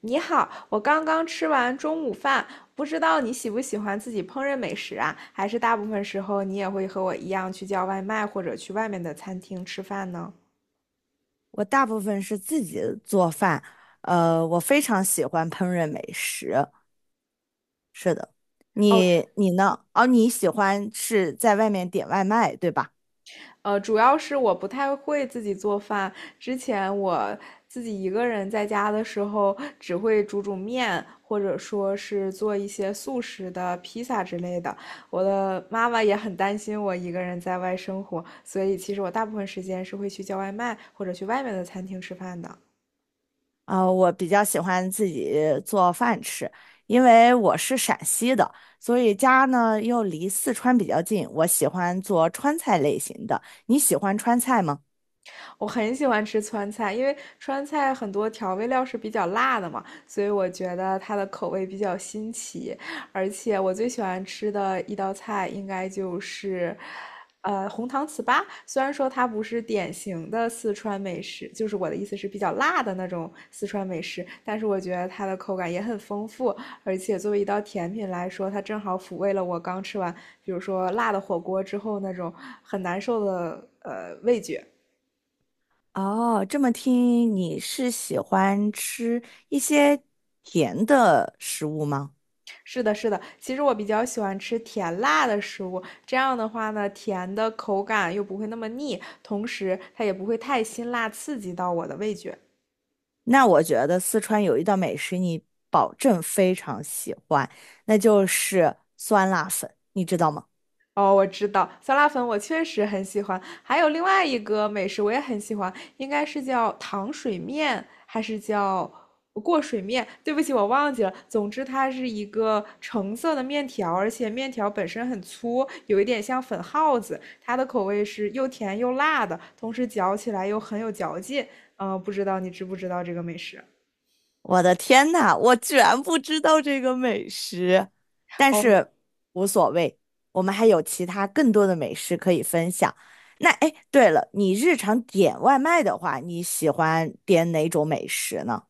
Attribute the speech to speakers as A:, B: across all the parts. A: 你好，我刚刚吃完中午饭，不知道你喜不喜欢自己烹饪美食啊？还是大部分时候你也会和我一样去叫外卖或者去外面的餐厅吃饭呢？
B: 我大部分是自己做饭，我非常喜欢烹饪美食。是的，
A: 哦，
B: 你呢？哦，你喜欢是在外面点外卖，对吧？
A: 主要是我不太会自己做饭。之前我自己一个人在家的时候，只会煮煮面，或者说是做一些速食的披萨之类的。我的妈妈也很担心我一个人在外生活，所以其实我大部分时间是会去叫外卖或者去外面的餐厅吃饭的。
B: 啊、我比较喜欢自己做饭吃，因为我是陕西的，所以家呢又离四川比较近，我喜欢做川菜类型的。你喜欢川菜吗？
A: 我很喜欢吃川菜，因为川菜很多调味料是比较辣的嘛，所以我觉得它的口味比较新奇。而且我最喜欢吃的一道菜应该就是，红糖糍粑。虽然说它不是典型的四川美食，就是我的意思是比较辣的那种四川美食，但是我觉得它的口感也很丰富，而且作为一道甜品来说，它正好抚慰了我刚吃完，比如说辣的火锅之后那种很难受的味觉。
B: 哦，这么听你是喜欢吃一些甜的食物吗？
A: 是的，是的。其实我比较喜欢吃甜辣的食物，这样的话呢，甜的口感又不会那么腻，同时它也不会太辛辣刺激到我的味觉。
B: 那我觉得四川有一道美食你保证非常喜欢，那就是酸辣粉，你知道吗？
A: 哦，我知道，酸辣粉我确实很喜欢，还有另外一个美食我也很喜欢，应该是叫糖水面，还是叫过水面？对不起，我忘记了。总之，它是一个橙色的面条，而且面条本身很粗，有一点像粉耗子。它的口味是又甜又辣的，同时嚼起来又很有嚼劲。嗯、不知道你知不知道这个美食？
B: 我的天呐，我居然不知道这个美食，但
A: 哦。
B: 是无所谓，我们还有其他更多的美食可以分享。那哎，诶对了，你日常点外卖的话，你喜欢点哪种美食呢？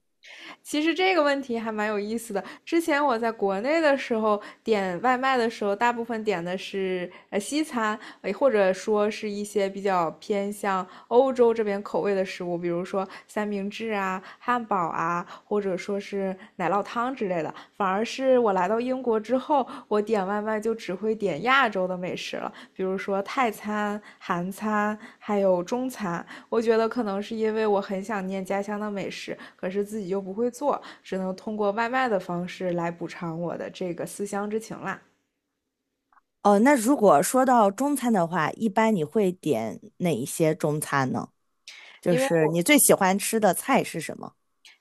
A: 其实这个问题还蛮有意思的。之前我在国内的时候点外卖的时候，大部分点的是西餐，或者说是一些比较偏向欧洲这边口味的食物，比如说三明治啊、汉堡啊，或者说是奶酪汤之类的。反而是我来到英国之后，我点外卖就只会点亚洲的美食了，比如说泰餐、韩餐，还有中餐。我觉得可能是因为我很想念家乡的美食，可是自己又不会做，只能通过外卖的方式来补偿我的这个思乡之情啦。
B: 哦，那如果说到中餐的话，一般你会点哪一些中餐呢？就
A: 因为
B: 是你
A: 我
B: 最喜欢吃的菜是什么？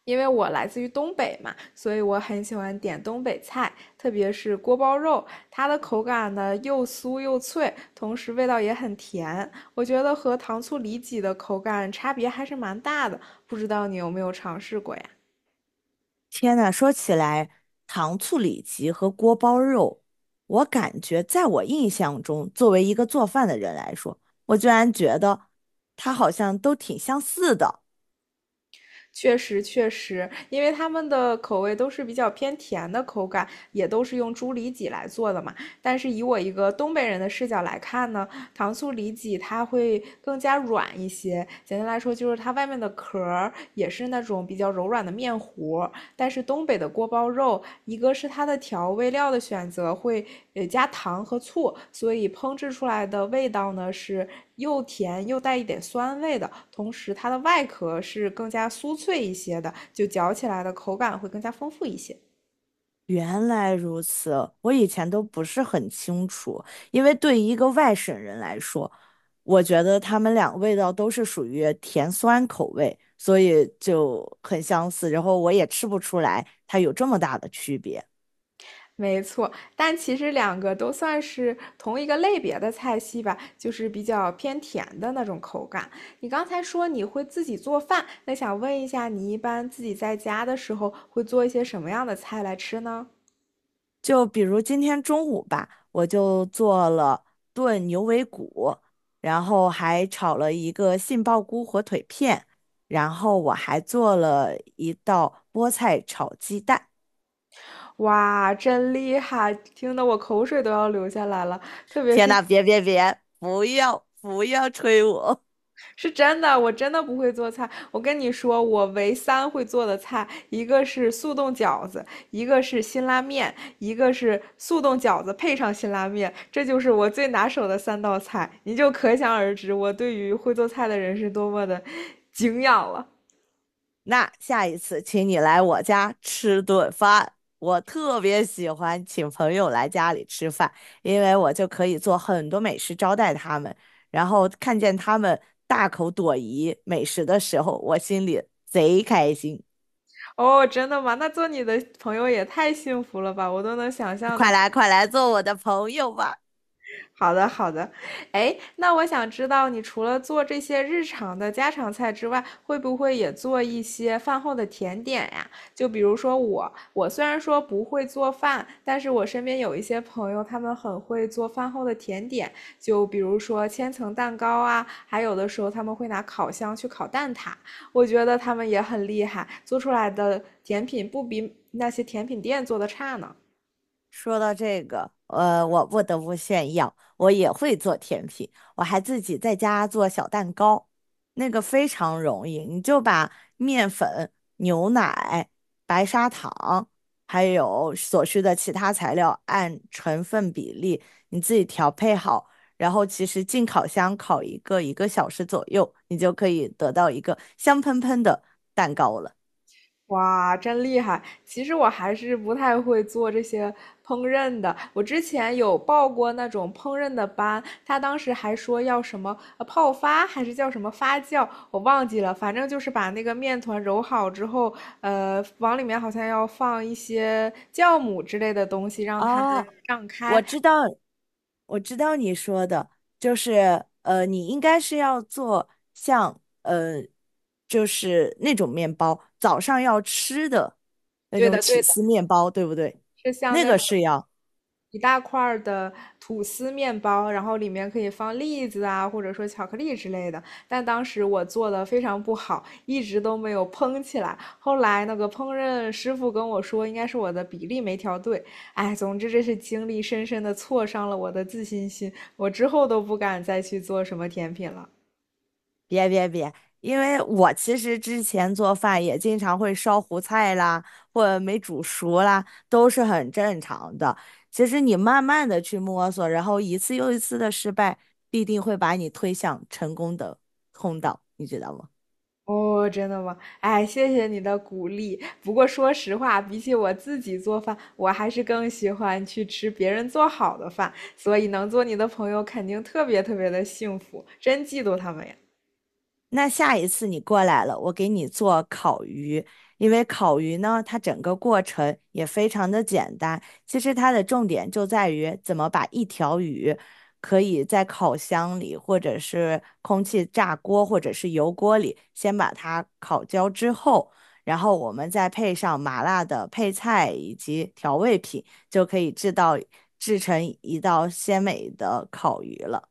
A: 因为我来自于东北嘛，所以我很喜欢点东北菜，特别是锅包肉，它的口感呢又酥又脆，同时味道也很甜。我觉得和糖醋里脊的口感差别还是蛮大的，不知道你有没有尝试过呀？
B: 天呐，说起来，糖醋里脊和锅包肉，我感觉在我印象中，作为一个做饭的人来说，我居然觉得它好像都挺相似的。
A: 确实确实，因为他们的口味都是比较偏甜的口感，也都是用猪里脊来做的嘛。但是以我一个东北人的视角来看呢，糖醋里脊它会更加软一些。简单来说，就是它外面的壳儿也是那种比较柔软的面糊，但是东北的锅包肉，一个是它的调味料的选择会加糖和醋，所以烹制出来的味道呢是又甜又带一点酸味的，同时它的外壳是更加酥脆一些的，就嚼起来的口感会更加丰富一些。
B: 原来如此，我以前都不是很清楚，因为对于一个外省人来说，我觉得他们俩味道都是属于甜酸口味，所以就很相似，然后我也吃不出来它有这么大的区别。
A: 没错，但其实两个都算是同一个类别的菜系吧，就是比较偏甜的那种口感。你刚才说你会自己做饭，那想问一下，你一般自己在家的时候会做一些什么样的菜来吃呢？
B: 就比如今天中午吧，我就做了炖牛尾骨，然后还炒了一个杏鲍菇火腿片，然后我还做了一道菠菜炒鸡蛋。
A: 哇，真厉害，听得我口水都要流下来了。特别
B: 天
A: 是
B: 呐，别别别，不要不要吹我！
A: 是真的，我真的不会做菜。我跟你说，我唯三会做的菜，一个是速冻饺子，一个是辛拉面，一个是速冻饺子配上辛拉面，这就是我最拿手的三道菜。你就可想而知，我对于会做菜的人是多么的敬仰了。
B: 那下一次请你来我家吃顿饭。我特别喜欢请朋友来家里吃饭，因为我就可以做很多美食招待他们，然后看见他们大口朵颐美食的时候，我心里贼开心。
A: 哦，真的吗？那做你的朋友也太幸福了吧！我都能想象
B: 快
A: 到
B: 来，快来做我的朋友吧！
A: 好的，好的。哎，那我想知道，你除了做这些日常的家常菜之外，会不会也做一些饭后的甜点呀？就比如说我，我虽然说不会做饭，但是我身边有一些朋友，他们很会做饭后的甜点，就比如说千层蛋糕啊，还有的时候他们会拿烤箱去烤蛋挞，我觉得他们也很厉害，做出来的甜品不比那些甜品店做的差呢。
B: 说到这个，我不得不炫耀，我也会做甜品，我还自己在家做小蛋糕，那个非常容易，你就把面粉、牛奶、白砂糖，还有所需的其他材料按成分比例你自己调配好，然后其实进烤箱烤一个小时左右，你就可以得到一个香喷喷的蛋糕了。
A: 哇，真厉害！其实我还是不太会做这些烹饪的。我之前有报过那种烹饪的班，他当时还说要什么泡发，还是叫什么发酵，我忘记了。反正就是把那个面团揉好之后，往里面好像要放一些酵母之类的东西，让它
B: 哦，
A: 胀开。
B: 我知道，我知道你说的，就是你应该是要做像就是那种面包，早上要吃的那
A: 对
B: 种
A: 的，对
B: 起
A: 的，
B: 司面包，对不对？
A: 是像
B: 那
A: 那
B: 个
A: 种
B: 是要，
A: 一大块儿的吐司面包，然后里面可以放栗子啊，或者说巧克力之类的。但当时我做的非常不好，一直都没有蓬起来。后来那个烹饪师傅跟我说，应该是我的比例没调对。哎，总之这是经历深深的挫伤了我的自信心，我之后都不敢再去做什么甜品了。
B: 别别别，因为我其实之前做饭也经常会烧糊菜啦，或者没煮熟啦，都是很正常的。其实你慢慢的去摸索，然后一次又一次的失败，必定会把你推向成功的通道，你知道吗？
A: 哦，真的吗？哎，谢谢你的鼓励。不过说实话，比起我自己做饭，我还是更喜欢去吃别人做好的饭。所以能做你的朋友，肯定特别特别的幸福，真嫉妒他们呀！
B: 那下一次你过来了，我给你做烤鱼，因为烤鱼呢，它整个过程也非常的简单。其实它的重点就在于怎么把一条鱼可以在烤箱里，或者是空气炸锅，或者是油锅里，先把它烤焦之后，然后我们再配上麻辣的配菜以及调味品，就可以制成一道鲜美的烤鱼了。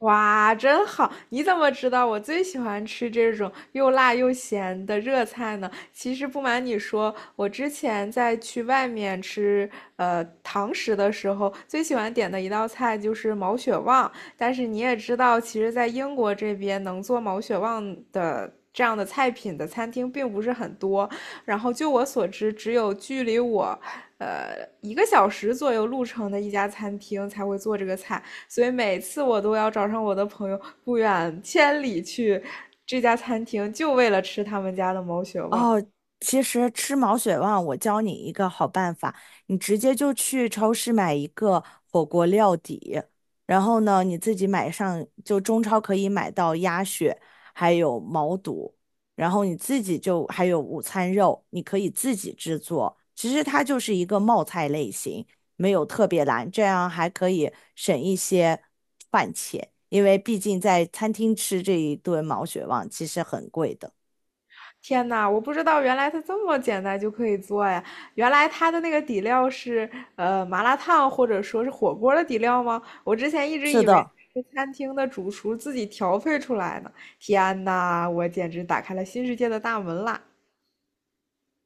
A: 哇，真好！你怎么知道我最喜欢吃这种又辣又咸的热菜呢？其实不瞒你说，我之前在去外面吃堂食的时候，最喜欢点的一道菜就是毛血旺。但是你也知道，其实，在英国这边能做毛血旺的这样的菜品的餐厅并不是很多。然后，就我所知，只有距离我，一个小时左右路程的一家餐厅才会做这个菜。所以每次我都要找上我的朋友，不远千里去这家餐厅，就为了吃他们家的毛血旺。
B: 哦，其实吃毛血旺，我教你一个好办法，你直接就去超市买一个火锅料底，然后呢，你自己买上，就中超可以买到鸭血，还有毛肚，然后你自己就还有午餐肉，你可以自己制作。其实它就是一个冒菜类型，没有特别难，这样还可以省一些饭钱，因为毕竟在餐厅吃这一顿毛血旺其实很贵的。
A: 天呐，我不知道原来它这么简单就可以做呀！原来它的那个底料是麻辣烫或者说是火锅的底料吗？我之前一直
B: 是
A: 以为
B: 的。
A: 是餐厅的主厨自己调配出来的。天呐，我简直打开了新世界的大门啦！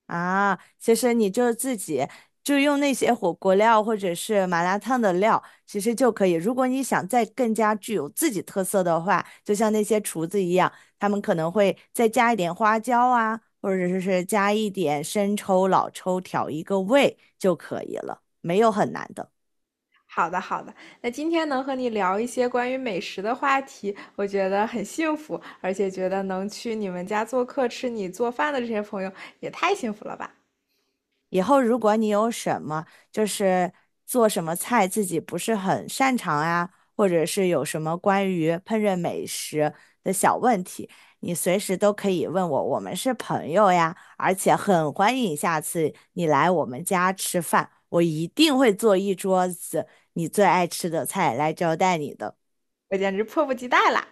B: 啊，其实你就自己就用那些火锅料或者是麻辣烫的料，其实就可以。如果你想再更加具有自己特色的话，就像那些厨子一样，他们可能会再加一点花椒啊，或者是加一点生抽、老抽，调一个味就可以了，没有很难的。
A: 好的，好的，那今天能和你聊一些关于美食的话题，我觉得很幸福，而且觉得能去你们家做客吃你做饭的这些朋友也太幸福了吧！
B: 以后如果你有什么就是做什么菜自己不是很擅长啊，或者是有什么关于烹饪美食的小问题，你随时都可以问我，我们是朋友呀，而且很欢迎下次你来我们家吃饭，我一定会做一桌子你最爱吃的菜来招待你的。
A: 我简直迫不及待啦！